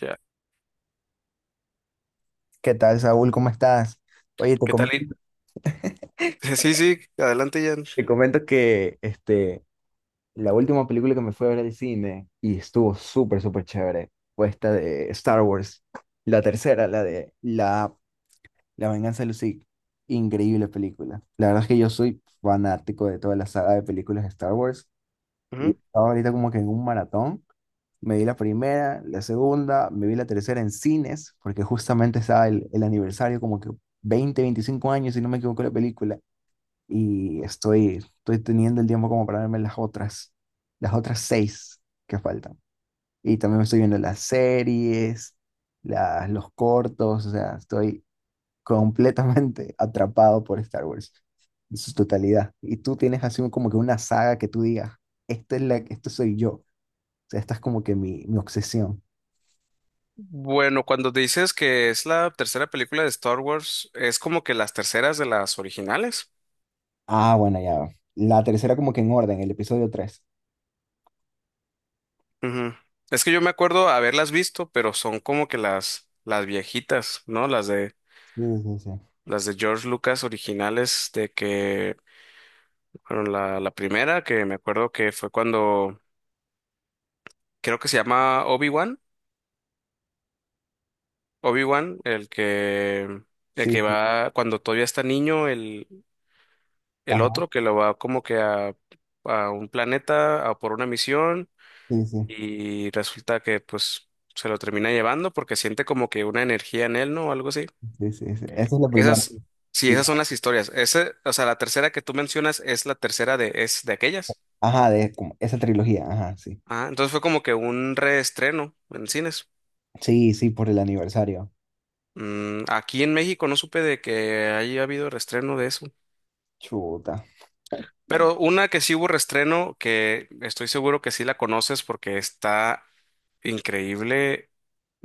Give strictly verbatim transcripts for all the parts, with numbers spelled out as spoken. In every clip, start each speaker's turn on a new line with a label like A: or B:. A: Ya.
B: ¿Qué tal, Saúl? ¿Cómo estás? Oye, te
A: ¿Qué tal?
B: comento,
A: y- Sí, sí, adelante, Jan.
B: te comento que este, la última película que me fue a ver al cine y estuvo súper, súper chévere fue esta de Star Wars, la tercera, la de la, la Venganza de los Sith. Increíble película. La verdad es que yo soy fanático de toda la saga de películas de Star Wars y
A: Ujú.
B: estaba ahorita como que en un maratón. Me vi la primera, la segunda, me vi la tercera en cines porque justamente estaba el, el aniversario, como que veinte, veinticinco años, si no me equivoco, la película. Y estoy, estoy teniendo el tiempo como para verme las otras, las otras seis que faltan. Y también me estoy viendo las series, las, los cortos, o sea, estoy completamente atrapado por Star Wars en su totalidad. ¿Y tú tienes así un- como que una saga que tú digas, esta es la, esto soy yo? O sea, esta es como que mi, mi obsesión.
A: Bueno, cuando dices que es la tercera película de Star Wars, es como que las terceras de las originales.
B: Ah, bueno, ya. La tercera como que en orden, el episodio tres.
A: Ujú. Es que yo me acuerdo haberlas visto, pero son como que las, las viejitas, ¿no? Las de,
B: Sí, sí, sí.
A: las de George Lucas originales, de que, bueno, la, la primera que me acuerdo que fue cuando, creo que se llama Obi-Wan, Obi-Wan, el que, el
B: Sí,
A: que
B: sí.
A: va cuando todavía está niño, el, el
B: Ajá,
A: otro que lo va como que a, a un planeta a por una misión
B: sí, sí.
A: y resulta que pues se lo termina llevando porque siente como que una energía en él, ¿no? O algo así.
B: Sí, sí, sí. Esa es la primera.
A: Esas, ujú, sí, esas son las historias. Ese, o sea, la tercera que tú mencionas es la tercera de, es de aquellas.
B: Ajá, de como esa trilogía, ajá, sí.
A: Ah, entonces fue como que un reestreno en cines.
B: Sí, sí, por el aniversario.
A: Mm, aquí en México no supe de que haya habido reestreno de eso.
B: Chuta.
A: Pero una que sí hubo reestreno, que estoy seguro que sí la conoces porque está increíble.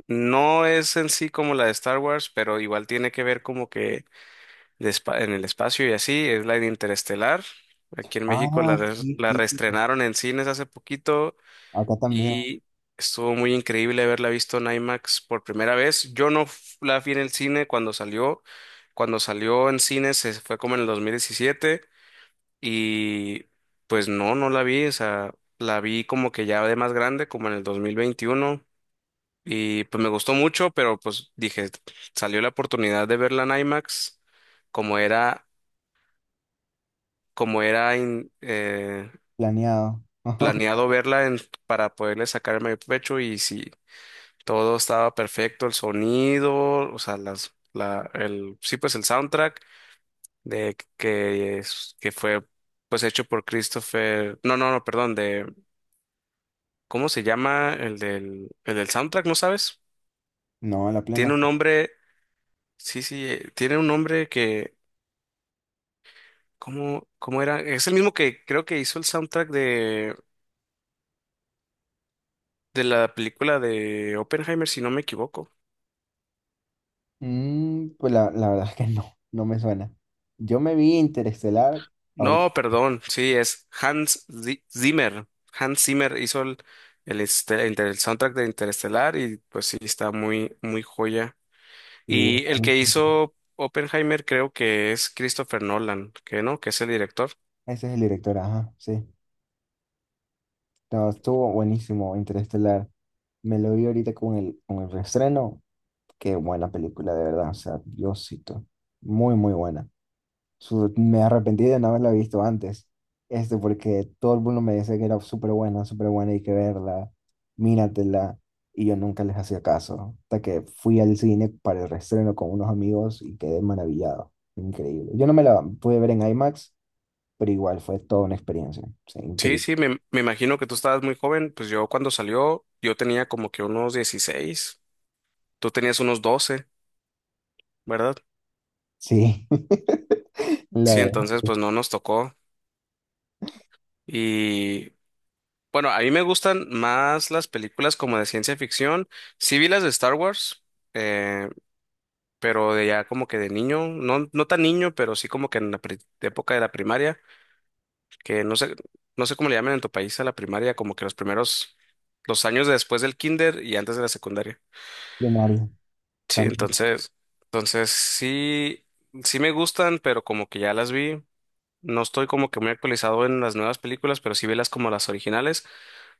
A: No es en sí como la de Star Wars, pero igual tiene que ver como que de espa- en el espacio y así, es la de Interestelar. Aquí en México la,
B: Ah,
A: res-
B: sí,
A: la
B: sí, sí.
A: reestrenaron en cines hace poquito
B: Acá también,
A: y estuvo muy increíble haberla visto en IMAX por primera vez. Yo no f- la vi en el cine cuando salió. Cuando salió en cines se fue como en el dos mil diecisiete y pues no, no la vi, o sea, la vi como que ya de más grande, como en el dos mil veintiuno. Y pues me gustó mucho, pero pues dije, salió la oportunidad de verla en IMAX, como era, como era in- eh,
B: planeado.
A: planeado verla en- para poderle sacar el pecho y si todo estaba perfecto, el sonido, o sea, las, la, el, sí, pues el soundtrack de que, es- que fue pues hecho por Christopher, no, no, no, perdón, de, ¿cómo se llama el del, el del soundtrack, no sabes?
B: No, la plena.
A: Tiene un nombre, sí, sí, eh, tiene un nombre que, ¿Cómo, cómo era? Es el mismo que creo que hizo el soundtrack de, de, la película de Oppenheimer, si no me equivoco.
B: Mm, pues la, la verdad es que no, no me suena. Yo me vi Interestelar ahorita.
A: No, perdón, sí, es Hans Zi- Zimmer. Hans Zimmer hizo el, el, este- inter- el soundtrack de Interestelar y pues sí, está muy, muy joya.
B: Y
A: Y el que hizo Oppenheimer creo que es Christopher Nolan, que no, que es el director.
B: ese es el director, ajá, sí. No, estuvo buenísimo Interestelar. Me lo vi ahorita con el, con el reestreno. Qué buena película, de verdad. O sea, Diosito. Muy, muy buena. Su- me arrepentí de no haberla visto antes, este, porque todo el mundo me decía que era súper buena, súper buena, hay que verla, míratela, y yo nunca les hacía caso, hasta que fui al cine para el reestreno con unos amigos y quedé maravillado, increíble. Yo no me la pude ver en IMAX, pero igual fue toda una experiencia, sí,
A: Sí,
B: increíble.
A: sí, me, me imagino que tú estabas muy joven, pues yo cuando salió, yo tenía como que unos dieciséis, tú tenías unos doce, ¿verdad?
B: Sí, la
A: Sí,
B: verdad,
A: entonces pues no nos tocó. Y bueno, a mí me gustan más las películas como de ciencia ficción. Sí vi las de Star Wars, eh, pero de ya como que de niño, no, no tan niño, pero sí como que en la pri- época de la primaria, que no sé, no sé cómo le llaman en tu país a la primaria, como que los primeros, los años después del kinder y antes de la secundaria.
B: de Mario,
A: Sí,
B: también.
A: entonces, entonces, sí, sí me gustan, pero como que ya las vi. No estoy como que muy actualizado en las nuevas películas, pero sí vi las como las originales.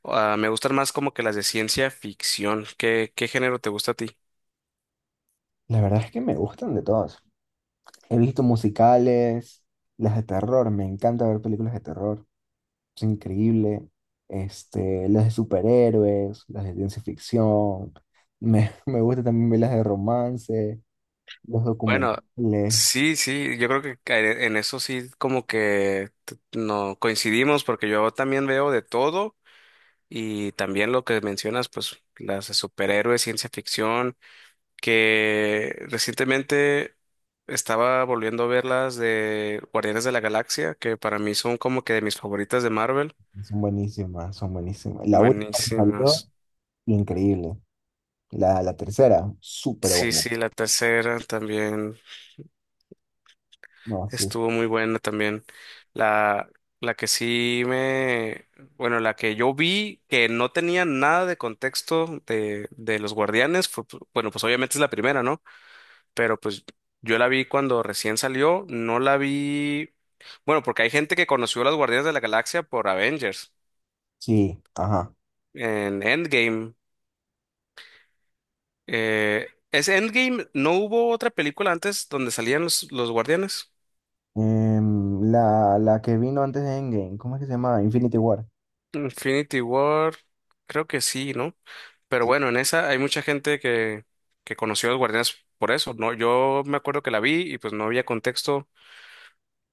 A: Ah, me gustan más como que las de ciencia ficción. ¿Qué, qué género te gusta a ti?
B: La verdad es que me gustan de todas. He visto musicales, las de terror, me encanta ver películas de terror. Es increíble. Este, las de superhéroes, las de ciencia ficción. Me, me gusta también ver las de romance, los
A: Bueno,
B: documentales.
A: sí, sí, yo creo que ca- en eso sí como que t- no coincidimos porque yo también veo de todo y también lo que mencionas, pues las de superhéroes, ciencia ficción, que recientemente estaba volviendo a ver las de Guardianes de la Galaxia, que para mí son como que de mis favoritas de Marvel.
B: Son buenísimas, son buenísimas. La última que salió,
A: Buenísimas.
B: increíble. La, la tercera, súper
A: Sí,
B: buena.
A: sí, la tercera también.
B: No, sí,
A: Estuvo muy buena también. La, la que sí me, bueno, la que yo vi que no tenía nada de contexto de, de los Guardianes, fue, pu- bueno, pues obviamente es la primera, ¿no? Pero pues yo la vi cuando recién salió, no la vi, bueno, porque hay gente que conoció a los Guardianes de la Galaxia por Avengers
B: sí, ajá.
A: en Endgame. Eh, ¿es Endgame? ¿No hubo otra película antes donde salían los, los Guardianes?
B: Em, la, la que vino antes de Endgame, ¿cómo es que se llama? Infinity War.
A: Infinity War, creo que sí, ¿no? Pero bueno, en esa hay mucha gente que, que conoció a los Guardianes por eso, ¿no? Yo me acuerdo que la vi y pues no había contexto.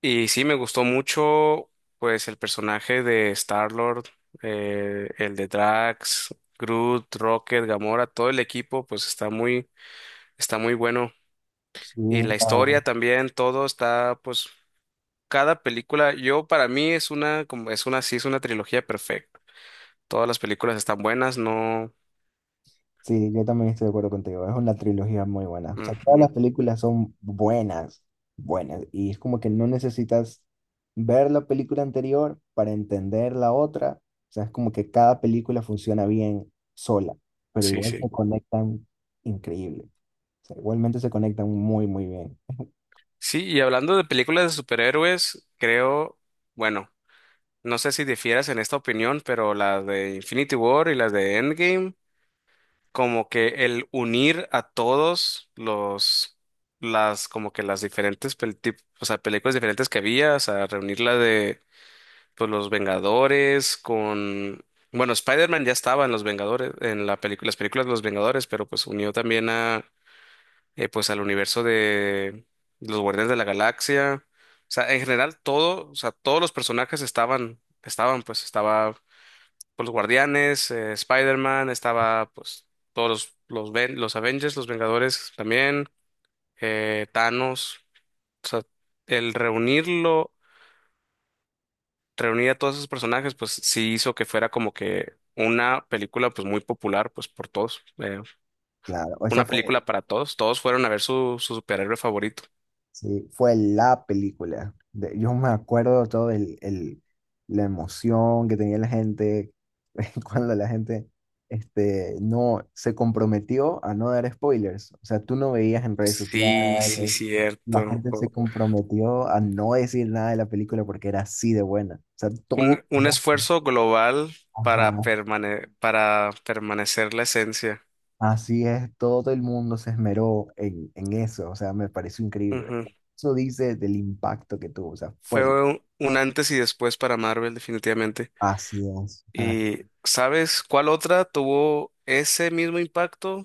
A: Y sí, me gustó mucho, pues, el personaje de Star-Lord, eh, el de Drax, Groot, Rocket, Gamora, todo el equipo, pues está muy, está muy bueno.
B: Sí,
A: Y la historia también, todo está, pues, cada película, yo para mí es una, como es una, sí, es una trilogía perfecta. Todas las películas están buenas, no.
B: sí, yo también estoy de acuerdo contigo. Es una trilogía muy buena. O sea, todas las
A: Ujú.
B: películas son buenas, buenas. Y es como que no necesitas ver la película anterior para entender la otra. O sea, es como que cada película funciona bien sola, pero
A: Sí,
B: igual
A: sí.
B: se conectan increíble. O sea, igualmente se conectan muy, muy bien.
A: Sí, y hablando de películas de superhéroes, creo, bueno, no sé si difieras en esta opinión, pero las de Infinity War y las de Endgame, como que el unir a todos los, las, como que las diferentes, pel- tip- o sea, películas diferentes que había, o sea, reunir la de, pues, los Vengadores con, bueno, Spider-Man ya estaba en los Vengadores, en la película, las películas de los Vengadores, pero pues unió también eh, pues al universo de los Guardianes de la Galaxia. O sea, en general todo, o sea, todos los personajes estaban, estaban, pues estaba pues, los Guardianes, eh, Spider-Man, estaba pues todos los, los, Ven- los Avengers, los Vengadores también, eh, Thanos. O sea, el reunirlo, reunir a todos esos personajes, pues sí hizo que fuera como que una película pues muy popular pues por todos, eh,
B: Claro, esa
A: una
B: fue.
A: película para todos, todos fueron a ver su, su superhéroe favorito.
B: Sí, fue la película. De- yo me acuerdo todo el, el- la emoción que tenía la gente cuando la gente este, no se comprometió a no dar spoilers. O sea, tú no veías en redes
A: Sí, sí,
B: sociales,
A: cierto.
B: la gente se
A: O-
B: comprometió a no decir nada de la película porque era así de buena. O sea, todo,
A: Un, un esfuerzo global
B: ajá,
A: para, permane- para permanecer la esencia.
B: así es, todo el mundo se esmeró en, en eso. O sea, me pareció increíble.
A: Ujú.
B: Eso dice del impacto que tuvo. O sea, fue.
A: Fue un, un antes y después para Marvel, definitivamente.
B: Así es. Ah,
A: Y ¿sabes cuál otra tuvo ese mismo impacto?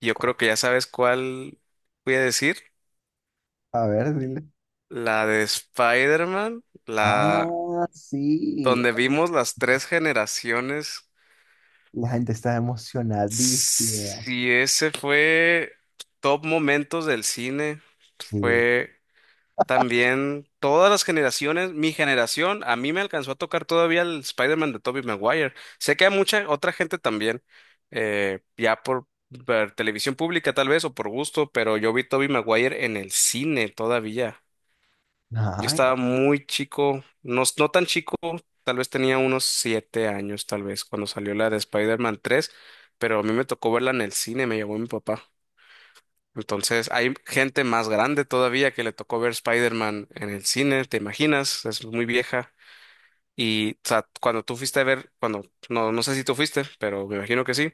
A: Yo creo que ya sabes cuál voy a decir.
B: a ver, dile.
A: La de Spider-Man, la
B: Ah, sí.
A: donde vimos las tres generaciones.
B: La gente está emocionadísima.
A: Sí, ese fue top momentos del cine.
B: Sí.
A: Fue también todas las generaciones, mi generación, a mí me alcanzó a tocar todavía el Spider-Man de Tobey Maguire. Sé que a mucha otra gente también, eh, ya por, ver televisión pública tal vez o por gusto, pero yo vi Tobey Maguire en el cine todavía. Yo
B: Ay,
A: estaba muy chico, no, no tan chico, tal vez tenía unos siete años tal vez cuando salió la de Spider-Man tres, pero a mí me tocó verla en el cine, me llevó mi papá. Entonces, hay gente más grande todavía que le tocó ver Spider-Man en el cine, ¿te imaginas? Es muy vieja. Y o sea, cuando tú fuiste a ver, cuando, no, no sé si tú fuiste, pero me imagino que sí,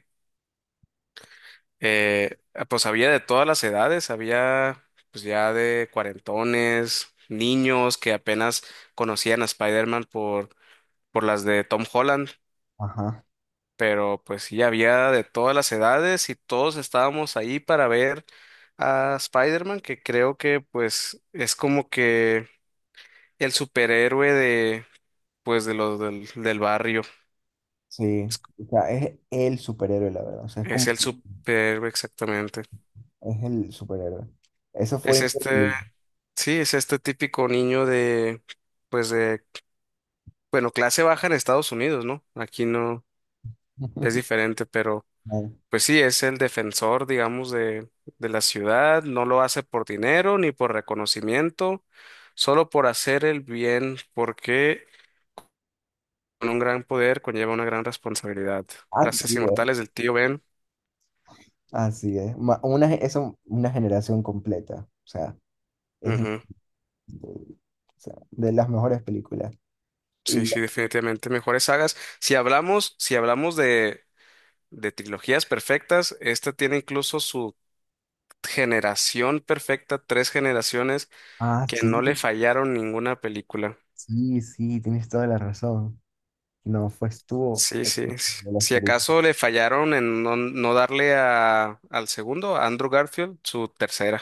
A: eh, pues había de todas las edades, había pues ya de cuarentones, niños que apenas conocían a Spider-Man por, por las de Tom Holland,
B: ajá.
A: pero pues sí, había de todas las edades y todos estábamos ahí para ver a Spider-Man, que creo que pues es como que el superhéroe de pues de los del, del barrio.
B: Sí.
A: Es,
B: O sea, es el superhéroe, la verdad. O sea, es como,
A: es el superhéroe exactamente.
B: es el superhéroe. Eso fue
A: Es este,
B: increíble.
A: sí, es este típico niño de pues de, bueno, clase baja en Estados Unidos, ¿no? Aquí no es diferente, pero
B: No,
A: pues sí, es el defensor, digamos, de, de la ciudad, no lo hace por dinero ni por reconocimiento, solo por hacer el bien, porque con un gran poder conlleva una gran responsabilidad. Frases
B: así es,
A: inmortales del tío Ben.
B: así es. Ma- una, ge- eso, una generación completa. O sea, es
A: Ujú.
B: increíble. O sea, de las mejores películas.
A: Sí,
B: Y la-
A: sí, definitivamente mejores sagas. Si hablamos, si hablamos de, de trilogías perfectas, esta tiene incluso su generación perfecta, tres generaciones
B: ah,
A: que
B: sí,
A: no le fallaron ninguna película.
B: sí, sí, tienes toda la razón. No, fue, estuvo
A: Sí, sí, sí.
B: la
A: Si
B: experiencia.
A: acaso le fallaron en no, no darle a, al segundo, a Andrew Garfield, su tercera.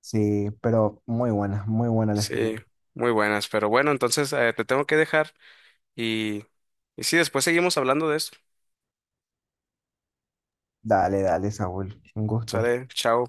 B: Sí, pero muy buena, muy buena la
A: Sí,
B: experiencia.
A: muy buenas. Pero bueno, entonces eh, te tengo que dejar y, y sí, después seguimos hablando de esto.
B: Dale, dale, Saúl. Un gusto.
A: Sale, chao.